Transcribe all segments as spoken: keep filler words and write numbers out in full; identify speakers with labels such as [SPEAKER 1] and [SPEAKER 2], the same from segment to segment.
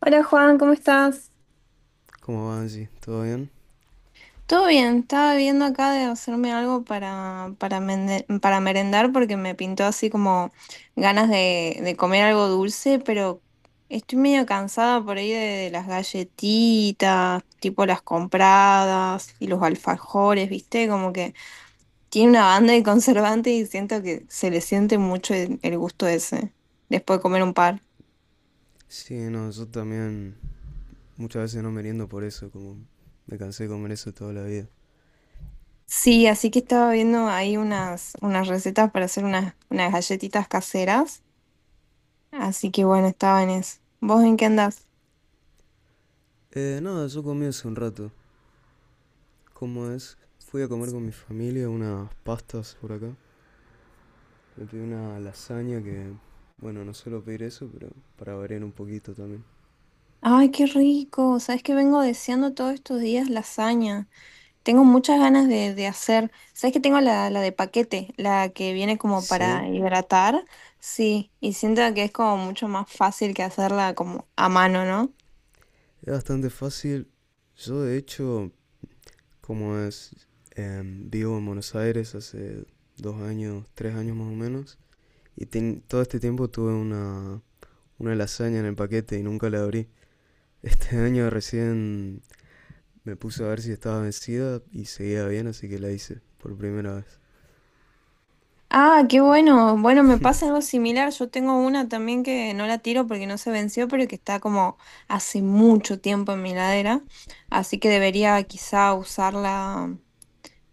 [SPEAKER 1] Hola Juan, ¿cómo estás?
[SPEAKER 2] ¿Cómo va, Angie? ¿Todo bien?
[SPEAKER 1] Todo bien, estaba viendo acá de hacerme algo para, para, mende- para merendar porque me pintó así como ganas de, de comer algo dulce, pero estoy medio cansada por ahí de, de las galletitas, tipo las compradas y los alfajores, ¿viste? Como que tiene una banda de conservante y siento que se le siente mucho el el gusto ese después de comer un par.
[SPEAKER 2] Sí, no, yo también muchas veces no meriendo por eso, como me cansé de comer eso toda la vida.
[SPEAKER 1] Sí, así que estaba viendo ahí unas, unas recetas para hacer unas, unas galletitas caseras. Así que bueno, estaba en eso. ¿Vos en qué andás?
[SPEAKER 2] Eh, nada, Yo comí hace un rato. ¿Cómo es? Fui a comer con mi familia unas pastas por acá. Me pedí una lasaña que, bueno, no suelo pedir eso, pero para variar un poquito también.
[SPEAKER 1] Ay, qué rico. Sabes que vengo deseando todos estos días lasaña. Tengo muchas ganas de, de hacer. Sabes que tengo la, la de paquete, la que viene como para
[SPEAKER 2] Sí,
[SPEAKER 1] hidratar. Sí, y siento que es como mucho más fácil que hacerla como a mano, ¿no?
[SPEAKER 2] es bastante fácil. Yo, de hecho, como es, em, vivo en Buenos Aires hace dos años, tres años más o menos. Y ten- todo este tiempo tuve una una lasaña en el paquete y nunca la abrí. Este año recién me puse a ver si estaba vencida y seguía bien, así que la hice por primera vez.
[SPEAKER 1] Ah, qué bueno. Bueno, me pasa algo similar. Yo tengo una también que no la tiro porque no se venció, pero que está como hace mucho tiempo en mi heladera. Así que debería quizá usarla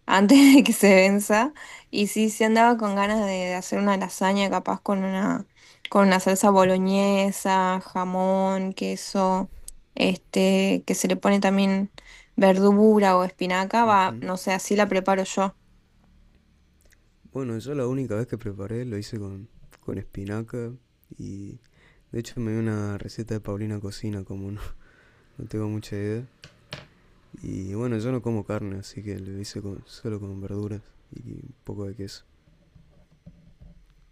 [SPEAKER 1] antes de que se venza. Y sí, sí andaba con ganas de, de hacer una lasaña capaz con una, con una salsa boloñesa, jamón, queso, este, que se le pone también verdura o espinaca. Va,
[SPEAKER 2] Ujú.
[SPEAKER 1] no sé, así la preparo yo.
[SPEAKER 2] Bueno, yo la única vez que preparé lo hice con, con espinaca y de hecho me dio una receta de Paulina Cocina, como no, no tengo mucha idea. Y bueno, yo no como carne, así que lo hice con- solo con verduras y un poco de queso.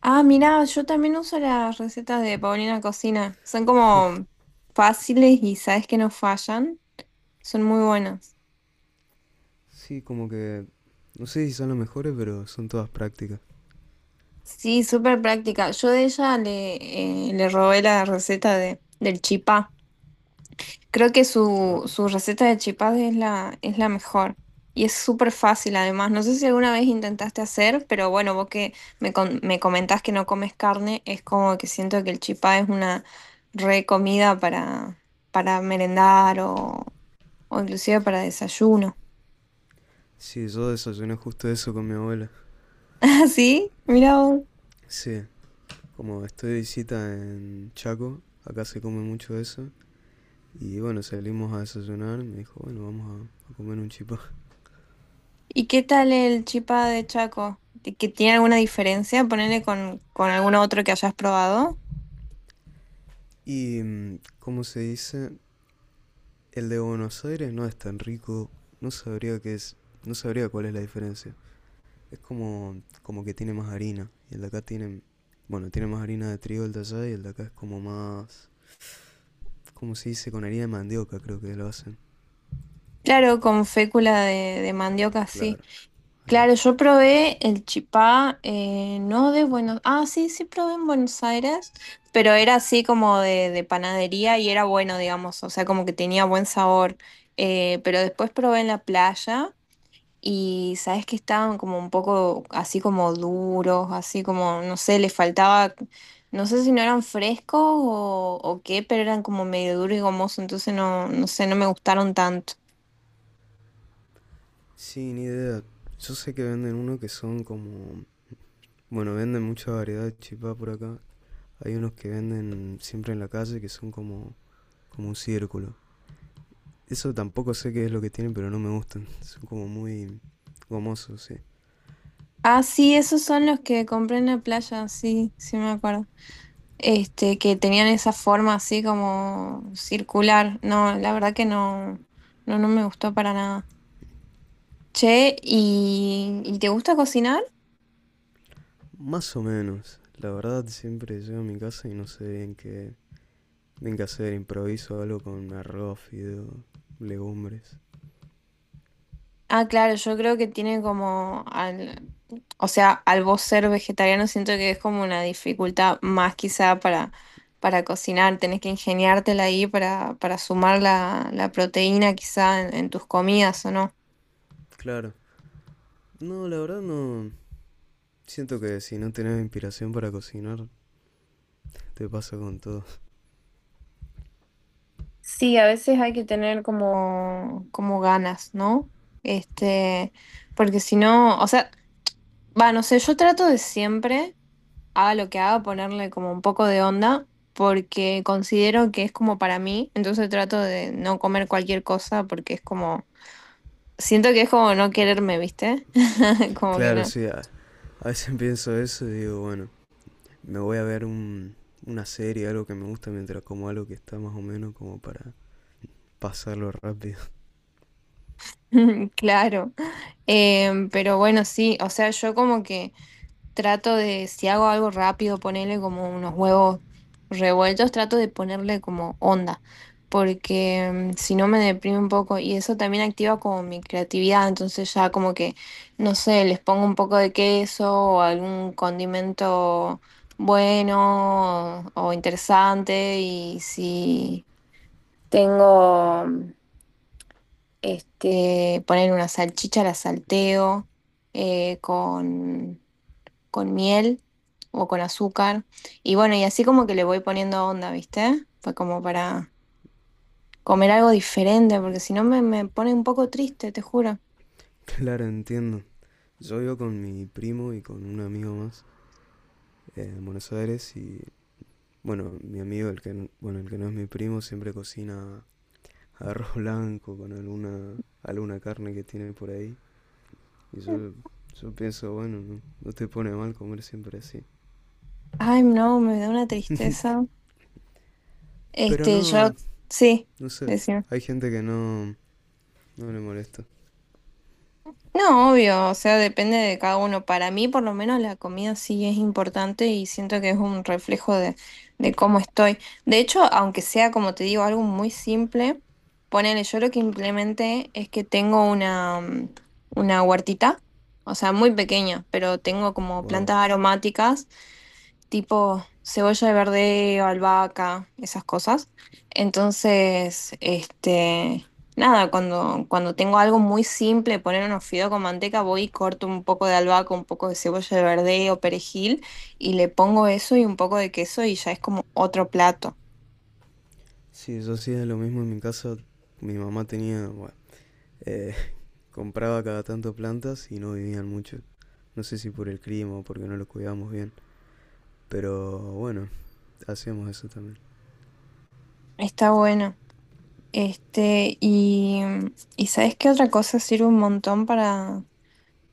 [SPEAKER 1] Ah, mirá, yo también uso las recetas de Paulina Cocina. Son como fáciles y sabes que no fallan. Son muy buenas.
[SPEAKER 2] Sí, como que no sé si son las mejores, pero son todas prácticas.
[SPEAKER 1] Sí, súper práctica. Yo de ella le, eh, le robé la receta de, del chipá. Creo que
[SPEAKER 2] Ah,
[SPEAKER 1] su, su receta de chipá es la, es la mejor. Y es súper fácil además. No sé si alguna vez intentaste hacer, pero bueno, vos que me, con- me comentás que no comes carne, es como que siento que el chipá es una re comida para, para merendar o inclusive para desayuno.
[SPEAKER 2] sí, yo desayuné justo eso con mi abuela.
[SPEAKER 1] ¿Ah, sí? Mirá vos.
[SPEAKER 2] Sí, como estoy de visita en Chaco, acá se come mucho eso. Y bueno, salimos a desayunar, me dijo, bueno, vamos a, a comer un chipá.
[SPEAKER 1] ¿Y qué tal el chipá de Chaco? ¿Ti- ¿Que tiene alguna diferencia? Ponele con, con algún otro que hayas probado.
[SPEAKER 2] Y, mm, ¿cómo se dice? El de Buenos Aires no es tan rico, no sabría qué es, no sabría cuál es la diferencia. Es como, como que tiene más harina, y el de acá tiene, bueno, tiene más harina de trigo el de allá, y el de acá es como más, ¿cómo se dice? Con harina de mandioca creo que lo hacen.
[SPEAKER 1] Claro, con fécula de, de mandioca, sí.
[SPEAKER 2] Claro, ahí va.
[SPEAKER 1] Claro, yo probé el chipá, eh, no de Buenos... Ah, sí, sí probé en Buenos Aires, pero era así como de, de panadería y era bueno, digamos, o sea, como que tenía buen sabor. Eh, pero después probé en la playa. Y sabes que estaban como un poco así como duros, así como, no sé, les faltaba, no sé si no eran frescos o, o qué, pero eran como medio duros y gomosos, entonces no, no sé, no me gustaron tanto.
[SPEAKER 2] Sí, ni idea. Yo sé que venden uno que son como... Bueno, venden mucha variedad de chipá por acá. Hay unos que venden siempre en la calle que son como, como un círculo. Eso tampoco sé qué es lo que tienen, pero no me gustan. Son como muy gomosos, sí.
[SPEAKER 1] Ah, sí, esos son los que compré en la playa, sí, sí me acuerdo. Este, que tenían esa forma así como circular. No, la verdad que no, no, no me gustó para nada. Che, ¿y, ¿y te gusta cocinar?
[SPEAKER 2] Más o menos. La verdad, siempre llego a mi casa y no sé bien qué, bien qué hacer. Improviso algo con arroz, fideo, legumbres.
[SPEAKER 1] Ah, claro, yo creo que tiene como al, o sea, al vos ser vegetariano siento que es como una dificultad más quizá para, para cocinar, tenés que ingeniártela ahí para, para sumar la, la proteína quizá en, en tus comidas, ¿o no?
[SPEAKER 2] Claro. No, la verdad no... Siento que si no tenés inspiración para cocinar, te pasa con todo.
[SPEAKER 1] Sí, a veces hay que tener como, como ganas, ¿no? Este, porque si no, o sea, va, no sé, yo trato de siempre. Haga lo que haga, ponerle como un poco de onda, porque considero que es como para mí, entonces trato de no comer cualquier cosa porque es como, siento que es como no quererme, ¿viste? Como que
[SPEAKER 2] Claro,
[SPEAKER 1] no.
[SPEAKER 2] sí, a, a veces pienso eso y digo, bueno, me voy a ver un, una serie, algo que me gusta, mientras como algo que está más o menos como para pasarlo rápido.
[SPEAKER 1] Claro. Em, pero bueno, sí, o sea, yo como que trato de, si hago algo rápido, ponerle como unos huevos revueltos, trato de ponerle como onda, porque mm, si no me deprime un poco y eso también activa como mi creatividad, entonces ya como que, no sé, les pongo un poco de queso o algún condimento bueno o, interesante y si tengo, mm, este, poner una salchicha, la salteo eh, con con miel o con azúcar. Y bueno, y así como que le voy poniendo onda, ¿viste? Fue como para comer algo diferente, porque si no me, me pone un poco triste, te juro.
[SPEAKER 2] Claro, entiendo. Yo vivo con mi primo y con un amigo más eh, en Buenos Aires y, bueno, mi amigo, el que, n- bueno, el que no es mi primo, siempre cocina arroz blanco con alguna, alguna carne que tiene por ahí. Y yo, yo pienso, bueno, no, no te pone mal comer siempre así.
[SPEAKER 1] Ay, no, me da una tristeza.
[SPEAKER 2] Pero
[SPEAKER 1] Este, yo,
[SPEAKER 2] no,
[SPEAKER 1] sí,
[SPEAKER 2] no sé,
[SPEAKER 1] decía.
[SPEAKER 2] hay gente que no, no le molesta.
[SPEAKER 1] No, obvio, o sea, depende de cada uno. Para mí, por lo menos, la comida sí es importante y siento que es un reflejo de, de cómo estoy. De hecho, aunque sea, como te digo, algo muy simple, ponele, yo lo que implementé es que tengo una, mm, una huertita, o sea, muy pequeña, pero tengo como
[SPEAKER 2] Wow.
[SPEAKER 1] plantas aromáticas tipo cebolla de verdeo, albahaca, esas cosas. Entonces, este, nada, cuando, cuando tengo algo muy simple, poner unos fideos con manteca, voy y corto un poco de albahaca, un poco de cebolla de verdeo, perejil, y le pongo eso y un poco de queso y ya es como otro plato.
[SPEAKER 2] Sí, yo hacía lo mismo en mi casa. Mi mamá tenía, bueno, eh, compraba cada tanto plantas y no vivían mucho. No sé si por el clima o porque no lo cuidábamos bien. Pero bueno, hacíamos eso también.
[SPEAKER 1] Está bueno. Este, y, y ¿sabes qué otra cosa sirve un montón para,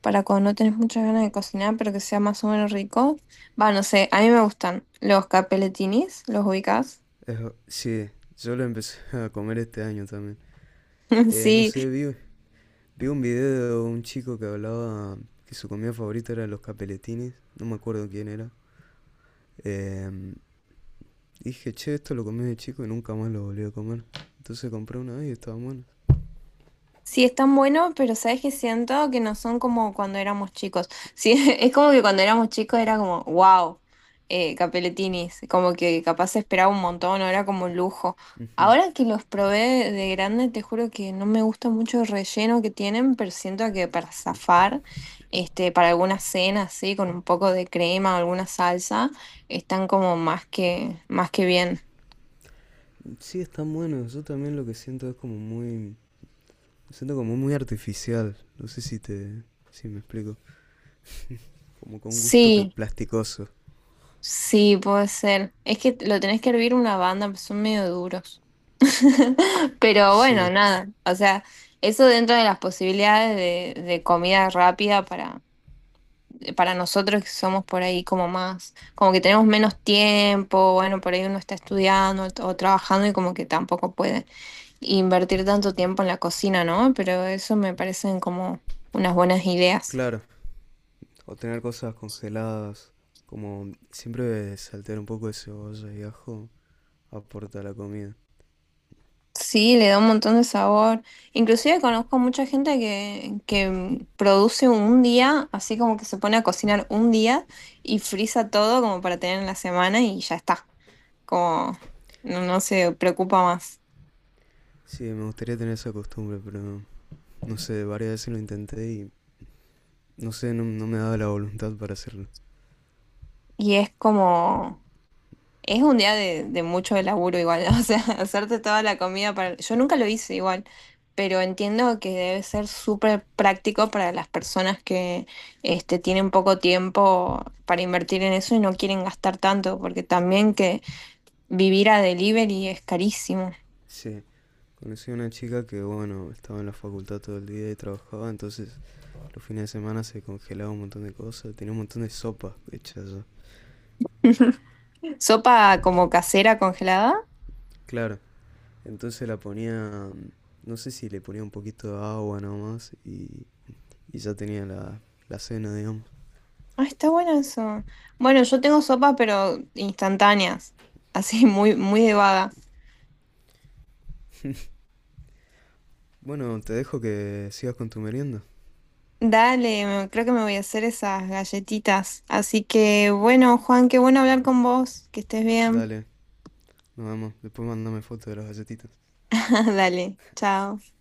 [SPEAKER 1] para cuando no tenés muchas ganas de cocinar, pero que sea más o menos rico? Va, no sé, a mí me gustan los capelletinis, ¿los ubicás?
[SPEAKER 2] Eso- sí, yo lo empecé a comer este año también. Eh, no
[SPEAKER 1] Sí.
[SPEAKER 2] sé, vi, vi un video de un chico que hablaba que su comida favorita era los capeletines. No me acuerdo quién era. Em, Dije, che, esto lo comí de chico y nunca más lo volví a comer. Entonces compré una vez y estaban buenos.
[SPEAKER 1] Sí, están buenos, pero sabes que siento que no son como cuando éramos chicos. Sí, es como que cuando éramos chicos era como, wow, eh, capeletinis, como que capaz se esperaba un montón, no era como un lujo.
[SPEAKER 2] Ujú.
[SPEAKER 1] Ahora que los probé de grande, te juro que no me gusta mucho el relleno que tienen, pero siento que para zafar, este, para alguna cena así, con un poco de crema o alguna salsa, están como más que, más que bien.
[SPEAKER 2] Sí, están buenos. Yo también lo que siento es como muy. Siento como muy artificial. No sé si te. Si me explico. Como con gusto cl-
[SPEAKER 1] Sí.
[SPEAKER 2] plasticoso.
[SPEAKER 1] Sí, puede ser. Es que lo tenés que hervir una banda, pues son medio duros. Pero bueno,
[SPEAKER 2] Sí,
[SPEAKER 1] nada. O sea, eso dentro de las posibilidades de, de comida rápida para, para nosotros que somos por ahí como más, como que tenemos menos tiempo, bueno, por ahí uno está estudiando o, o trabajando y como que tampoco puede invertir tanto tiempo en la cocina, ¿no? Pero eso me parecen como unas buenas ideas.
[SPEAKER 2] claro. O tener cosas congeladas. Como siempre saltear un poco de cebolla y ajo aporta a la comida.
[SPEAKER 1] Sí, le da un montón de sabor. Inclusive conozco mucha gente que, que mm, produce un día, así como que se pone a cocinar un día y frisa todo como para tener en la semana y ya está. Como no, no se preocupa más.
[SPEAKER 2] Sí, me gustaría tener esa costumbre, pero no, no sé, varias veces lo intenté y no sé, no, no me daba la voluntad para hacerlo.
[SPEAKER 1] Y es como, es un día de, de mucho laburo igual. O sea, hacerte toda la comida para... Yo nunca lo hice igual, pero entiendo que debe ser súper práctico para las personas que este, tienen poco tiempo para invertir en eso y no quieren gastar tanto, porque también que vivir a delivery es carísimo.
[SPEAKER 2] Sí. Conocí a una chica que, bueno, estaba en la facultad todo el día y trabajaba, entonces los fines de semana se congelaba un montón de cosas, tenía un montón de sopas hechas ya.
[SPEAKER 1] ¿Sopa como casera congelada?
[SPEAKER 2] Claro, entonces la ponía, no sé si le ponía un poquito de agua nomás y, y ya tenía la, la cena, digamos.
[SPEAKER 1] Ah, está bueno eso. Bueno, yo tengo sopas, pero instantáneas, así muy, muy de vaga.
[SPEAKER 2] Bueno, te dejo que sigas con tu merienda.
[SPEAKER 1] Dale, me- creo que me voy a hacer esas galletitas. Así que bueno, Juan, qué bueno hablar con vos, que estés bien.
[SPEAKER 2] Dale, nos vemos. Después mandame fotos de las galletitas.
[SPEAKER 1] Dale, chao.